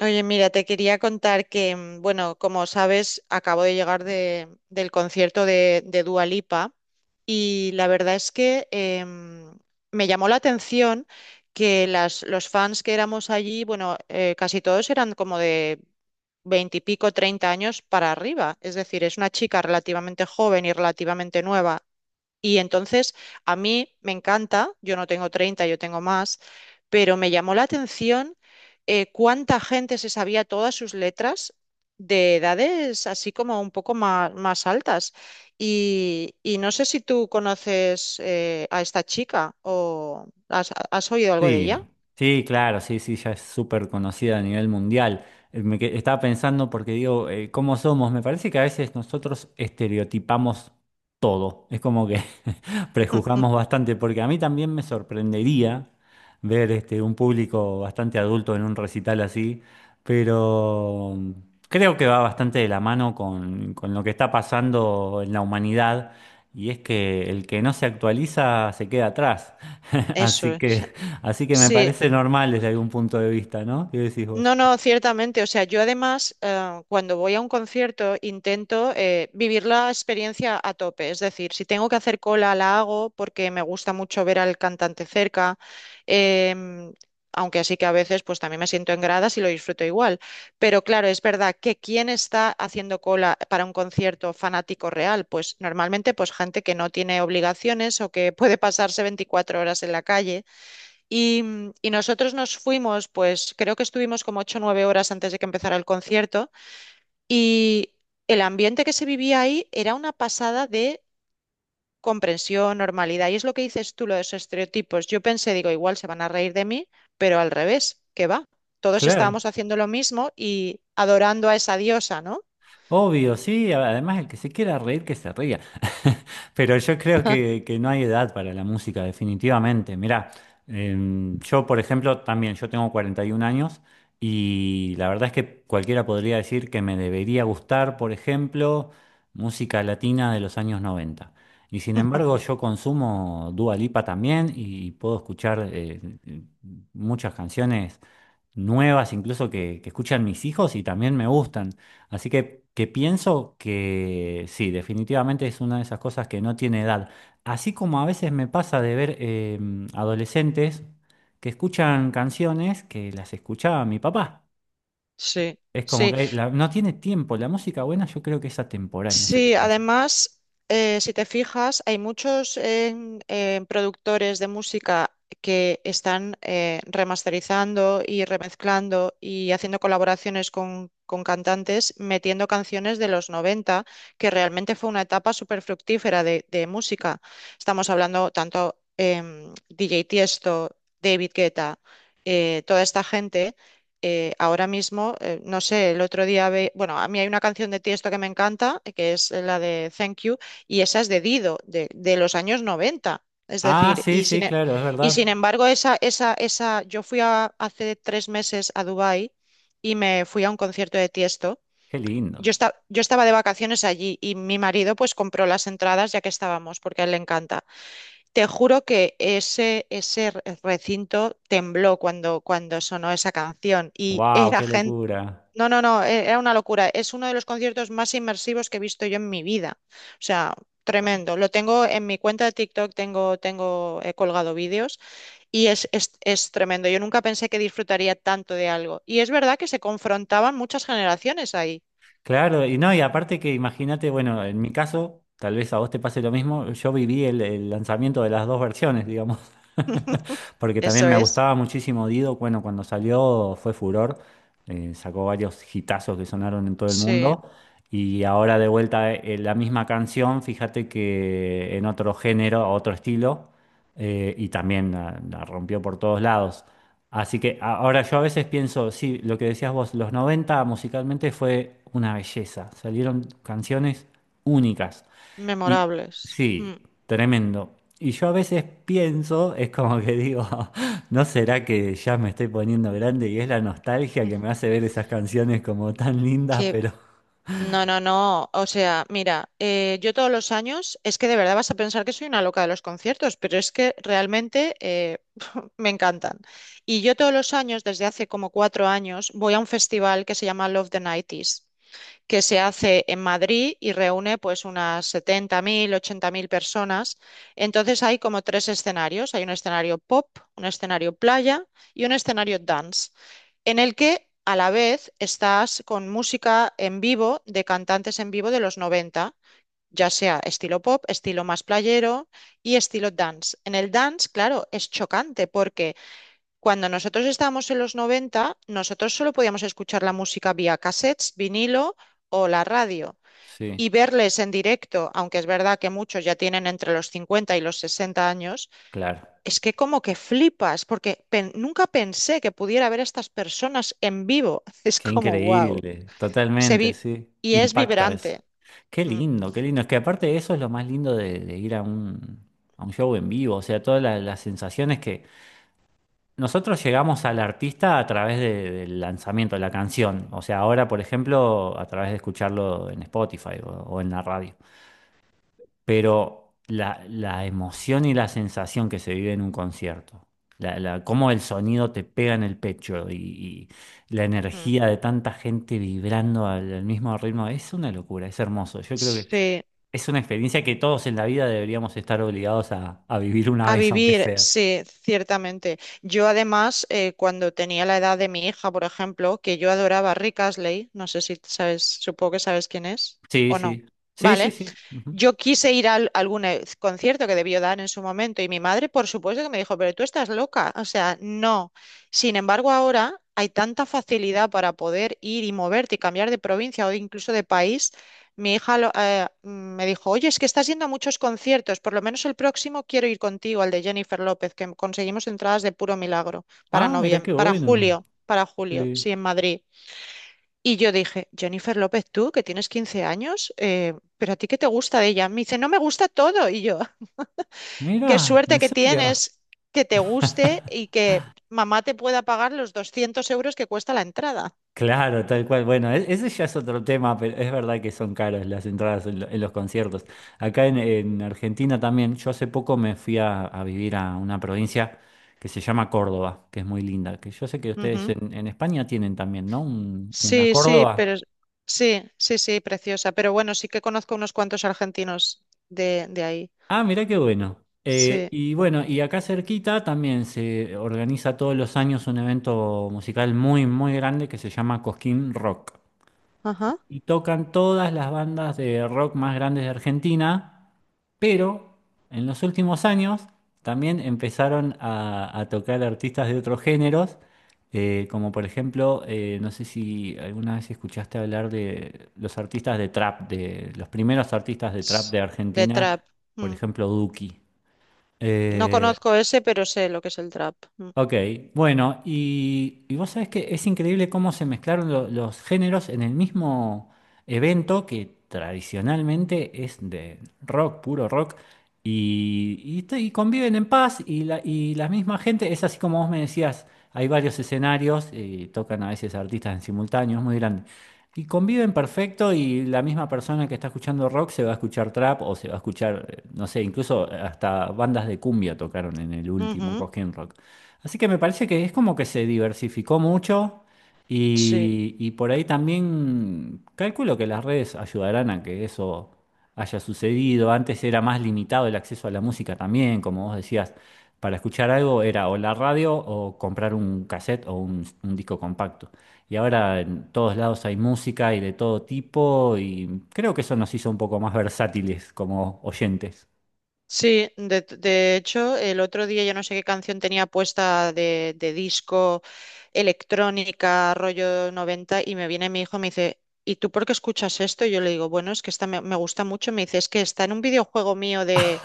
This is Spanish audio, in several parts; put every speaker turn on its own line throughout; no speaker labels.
Oye, mira, te quería contar que, bueno, como sabes, acabo de llegar del concierto de Dua Lipa y la verdad es que me llamó la atención que los fans que éramos allí, bueno, casi todos eran como de veintipico, 30 años para arriba. Es decir, es una chica relativamente joven y relativamente nueva y entonces a mí me encanta, yo no tengo 30, yo tengo más, pero me llamó la atención cuánta gente se sabía todas sus letras de edades así como un poco más altas. Y no sé si tú conoces a esta chica o has oído algo de
Sí,
ella.
sí, claro, sí, sí, ya es súper conocida a nivel mundial. Estaba pensando porque digo, ¿cómo somos? Me parece que a veces nosotros estereotipamos todo. Es como que prejuzgamos bastante, porque a mí también me sorprendería ver un público bastante adulto en un recital así, pero creo que va bastante de la mano con lo que está pasando en la humanidad, y es que el que no se actualiza se queda atrás.
Eso
Así
es.
que... Así que me
Sí.
parece normal desde algún punto de vista, ¿no? ¿Qué decís vos?
No, no, ciertamente. O sea, yo además, cuando voy a un concierto, intento vivir la experiencia a tope. Es decir, si tengo que hacer cola, la hago porque me gusta mucho ver al cantante cerca. em, aunque así que a veces, pues también me siento en gradas y lo disfruto igual. Pero claro, es verdad que quién está haciendo cola para un concierto fanático real, pues normalmente, pues gente que no tiene obligaciones o que puede pasarse 24 horas en la calle. Y nosotros nos fuimos, pues creo que estuvimos como ocho o 9 horas antes de que empezara el concierto y el ambiente que se vivía ahí era una pasada de comprensión, normalidad. Y es lo que dices tú, lo de los estereotipos. Yo pensé, digo, igual se van a reír de mí, pero al revés, qué va. Todos
Claro.
estábamos haciendo lo mismo y adorando a esa diosa, ¿no?
Obvio, sí, además el que se quiera reír, que se ría. Pero yo creo que no hay edad para la música, definitivamente. Mirá, yo, por ejemplo, también, yo tengo 41 años y la verdad es que cualquiera podría decir que me debería gustar, por ejemplo, música latina de los años 90. Y sin embargo, yo consumo Dua Lipa también y puedo escuchar muchas canciones nuevas, incluso que escuchan mis hijos y también me gustan. Así que pienso que sí, definitivamente es una de esas cosas que no tiene edad. Así como a veces me pasa de ver adolescentes que escuchan canciones que las escuchaba mi papá.
Sí,
Es como
sí,
que no tiene tiempo. La música buena yo creo que es atemporal, no sé qué
sí.
piensas.
Además, si te fijas, hay muchos productores de música que están remasterizando y remezclando y haciendo colaboraciones con cantantes, metiendo canciones de los 90, que realmente fue una etapa súper fructífera de música. Estamos hablando tanto DJ Tiesto, David Guetta, toda esta gente. Ahora mismo, no sé, el otro día, ve, bueno, a mí hay una canción de Tiesto que me encanta, que es la de Thank You, y esa es de Dido, de los años noventa. Es
Ah,
decir,
sí, sí, claro, es
y sin
verdad.
embargo, esa, yo hace 3 meses a Dubái y me fui a un concierto de Tiesto.
Qué lindo.
Yo estaba de vacaciones allí y mi marido pues compró las entradas ya que estábamos, porque a él le encanta. Te juro que ese recinto tembló cuando sonó esa canción y
Wow,
era
qué
gente...
locura.
No, no, no, era una locura. Es uno de los conciertos más inmersivos que he visto yo en mi vida. O sea, tremendo. Lo tengo en mi cuenta de TikTok, he colgado vídeos y es tremendo. Yo nunca pensé que disfrutaría tanto de algo. Y es verdad que se confrontaban muchas generaciones ahí.
Claro, y no, y aparte que imagínate, bueno, en mi caso, tal vez a vos te pase lo mismo, yo viví el lanzamiento de las dos versiones, digamos, porque también
Eso
me
es.
gustaba muchísimo Dido, bueno, cuando salió fue furor, sacó varios hitazos que sonaron en todo el
Sí,
mundo, y ahora de vuelta la misma canción, fíjate que en otro género, otro estilo, y también la rompió por todos lados. Así que ahora yo a veces pienso, sí, lo que decías vos, los 90 musicalmente fue una belleza, salieron canciones únicas. Y
memorables.
sí,
Mm.
tremendo. Y yo a veces pienso, es como que digo, ¿no será que ya me estoy poniendo grande y es la nostalgia que me hace ver esas canciones como tan lindas,
Qué
pero
No, no, no. O sea, mira, yo todos los años, es que de verdad vas a pensar que soy una loca de los conciertos, pero es que realmente me encantan. Y yo todos los años, desde hace como 4 años, voy a un festival que se llama Love the 90 que se hace en Madrid y reúne pues unas 70.000 80.000 personas. Entonces hay como tres escenarios. Hay un escenario pop, un escenario playa y un escenario dance, en el que a la vez estás con música en vivo de cantantes en vivo de los 90, ya sea estilo pop, estilo más playero y estilo dance. En el dance, claro, es chocante porque... Cuando nosotros estábamos en los 90, nosotros solo podíamos escuchar la música vía cassettes, vinilo o la radio
sí,
y verles en directo, aunque es verdad que muchos ya tienen entre los 50 y los 60 años,
claro.
es que como que flipas, porque nunca pensé que pudiera ver a estas personas en vivo. Es
Qué
como, wow,
increíble,
se vi
totalmente, sí.
y es
Impacta
vibrante.
eso. Qué
Mm.
lindo, qué lindo. Es que aparte eso es lo más lindo de ir a un show en vivo, o sea, todas las sensaciones que nosotros llegamos al artista a través del lanzamiento de la canción, o sea, ahora, por ejemplo, a través de escucharlo en Spotify o en la radio, pero la emoción y la sensación que se vive en un concierto, cómo el sonido te pega en el pecho y la
Mm.
energía de tanta gente vibrando al mismo ritmo, es una locura, es hermoso. Yo creo que
Sí.
es una experiencia que todos en la vida deberíamos estar obligados a vivir una
A
vez, aunque
vivir,
sea.
sí, ciertamente. Yo además, cuando tenía la edad de mi hija, por ejemplo, que yo adoraba a Rick Astley, no sé si sabes, supongo que sabes quién es
Sí,
o no.
sí. Sí, sí,
Vale,
sí. Ujú.
yo quise ir a algún concierto que debió dar en su momento y mi madre, por supuesto, que me dijo, pero tú estás loca, o sea, no. Sin embargo, ahora hay tanta facilidad para poder ir y moverte y cambiar de provincia o incluso de país. Mi hija me dijo, oye, es que estás yendo a muchos conciertos, por lo menos el próximo quiero ir contigo, al de Jennifer López, que conseguimos entradas de puro milagro para
Ah, mira
noviem-
qué
para
bueno.
julio,
Sí.
sí, en Madrid. Y yo dije, Jennifer López, tú que tienes 15 años, ¿pero a ti qué te gusta de ella? Me dice, no, me gusta todo. Y yo, qué
Mira,
suerte
¿en
que
serio?
tienes que te guste y que mamá te pueda pagar los 200 euros que cuesta la entrada.
Claro, tal cual. Bueno, ese ya es otro tema, pero es verdad que son caras las entradas en los conciertos. Acá en Argentina también, yo hace poco me fui a vivir a una provincia que se llama Córdoba, que es muy linda, que yo sé que ustedes
Ujú.
en España tienen también, ¿no? Una
Sí, sí, pero
Córdoba.
sí, sí, sí, preciosa. Pero bueno, sí que conozco unos cuantos argentinos de ahí.
Ah, mirá qué bueno.
Sí,
Y bueno, y acá cerquita también se organiza todos los años un evento musical muy, muy grande que se llama Cosquín Rock.
ajá.
Y tocan todas las bandas de rock más grandes de Argentina, pero en los últimos años también empezaron a tocar artistas de otros géneros, como por ejemplo, no sé si alguna vez escuchaste hablar de los artistas de trap, de los primeros artistas de trap
Ts-
de
De
Argentina,
trap.
por
Mm.
ejemplo, Duki.
No
Eh,
conozco ese, pero sé lo que es el trap. Mm.
Ok, bueno, y vos sabés que es increíble cómo se mezclaron los géneros en el mismo evento que tradicionalmente es de rock, puro rock, y conviven en paz y la misma gente, es así como vos me decías, hay varios escenarios, tocan a veces artistas en simultáneo, es muy grande, y conviven perfecto y la misma persona que está escuchando rock se va a escuchar trap o se va a escuchar, no sé, incluso hasta bandas de cumbia tocaron en el último
Ujú.
Cosquín Rock. Así que me parece que es como que se diversificó mucho
Sí.
y por ahí también calculo que las redes ayudarán a que eso haya sucedido. Antes era más limitado el acceso a la música también, como vos decías, para escuchar algo era o la radio o comprar un cassette o un disco compacto. Y ahora en todos lados hay música y de todo tipo y creo que eso nos hizo un poco más versátiles como oyentes.
Sí, de hecho, el otro día yo no sé qué canción tenía puesta de disco, electrónica, rollo 90 y me viene mi hijo y me dice, ¿y tú por qué escuchas esto? Y yo le digo, bueno, es que esta me gusta mucho. Me dice, es que está en un videojuego mío de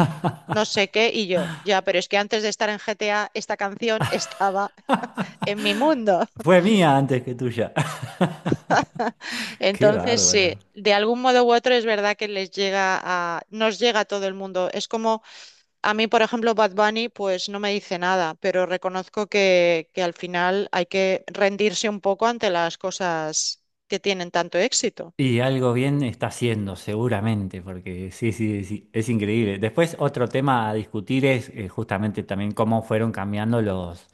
no sé qué, y yo, ya, pero es que antes de estar en GTA, esta canción estaba en mi mundo.
Fue mía antes que tuya. Qué
Entonces,
bárbaro.
sí, de algún modo u otro es verdad que les llega a, nos llega a todo el mundo. Es como A mí, por ejemplo, Bad Bunny, pues no me dice nada, pero reconozco que al final hay que rendirse un poco ante las cosas que tienen tanto éxito,
Y algo bien está haciendo, seguramente, porque sí, sí, sí, es increíble. Después, otro tema a discutir es justamente también cómo fueron cambiando los,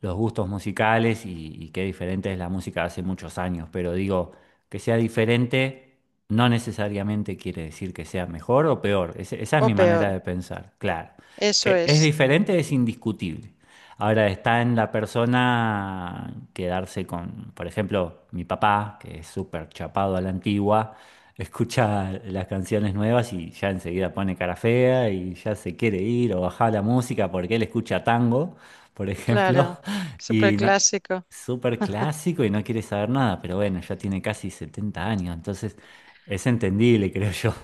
los gustos musicales y qué diferente es la música de hace muchos años, pero digo, que sea diferente no necesariamente quiere decir que sea mejor o peor. Esa es
o
mi manera
peor.
de pensar, claro.
Eso
Que es
es,
diferente es indiscutible. Ahora está en la persona quedarse con, por ejemplo, mi papá, que es súper chapado a la antigua, escucha las canciones nuevas y ya enseguida pone cara fea y ya se quiere ir o bajar la música porque él escucha tango, por ejemplo.
claro, súper
Y no,
clásico.
súper clásico y no quiere saber nada, pero bueno, ya tiene casi 70 años, entonces es entendible, creo yo.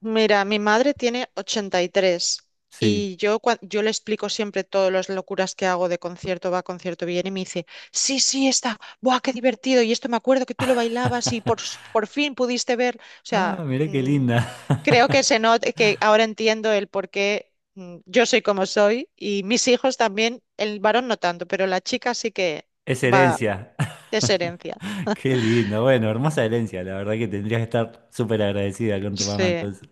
Mira, mi madre tiene 83 y tres
Sí.
y yo, yo le explico siempre todas las locuras que hago de concierto, va, concierto viene y me dice, sí, sí, está, ¡buah, qué divertido! Y esto me acuerdo que tú lo bailabas y por fin pudiste ver, o
Ah,
sea,
mirá qué linda.
creo que se not- que ahora entiendo el por qué, yo soy como soy y mis hijos también, el varón no tanto, pero la chica sí que
Es
va,
herencia.
es herencia.
Qué lindo. Bueno, hermosa herencia. La verdad que tendrías que estar súper agradecida con tu mamá
Sí,
entonces.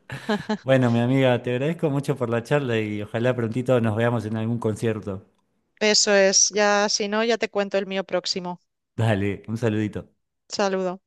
Bueno, mi amiga, te agradezco mucho por la charla y ojalá prontito nos veamos en algún concierto.
eso es. Ya, si no, ya te cuento el mío próximo.
Dale, un saludito.
Saludo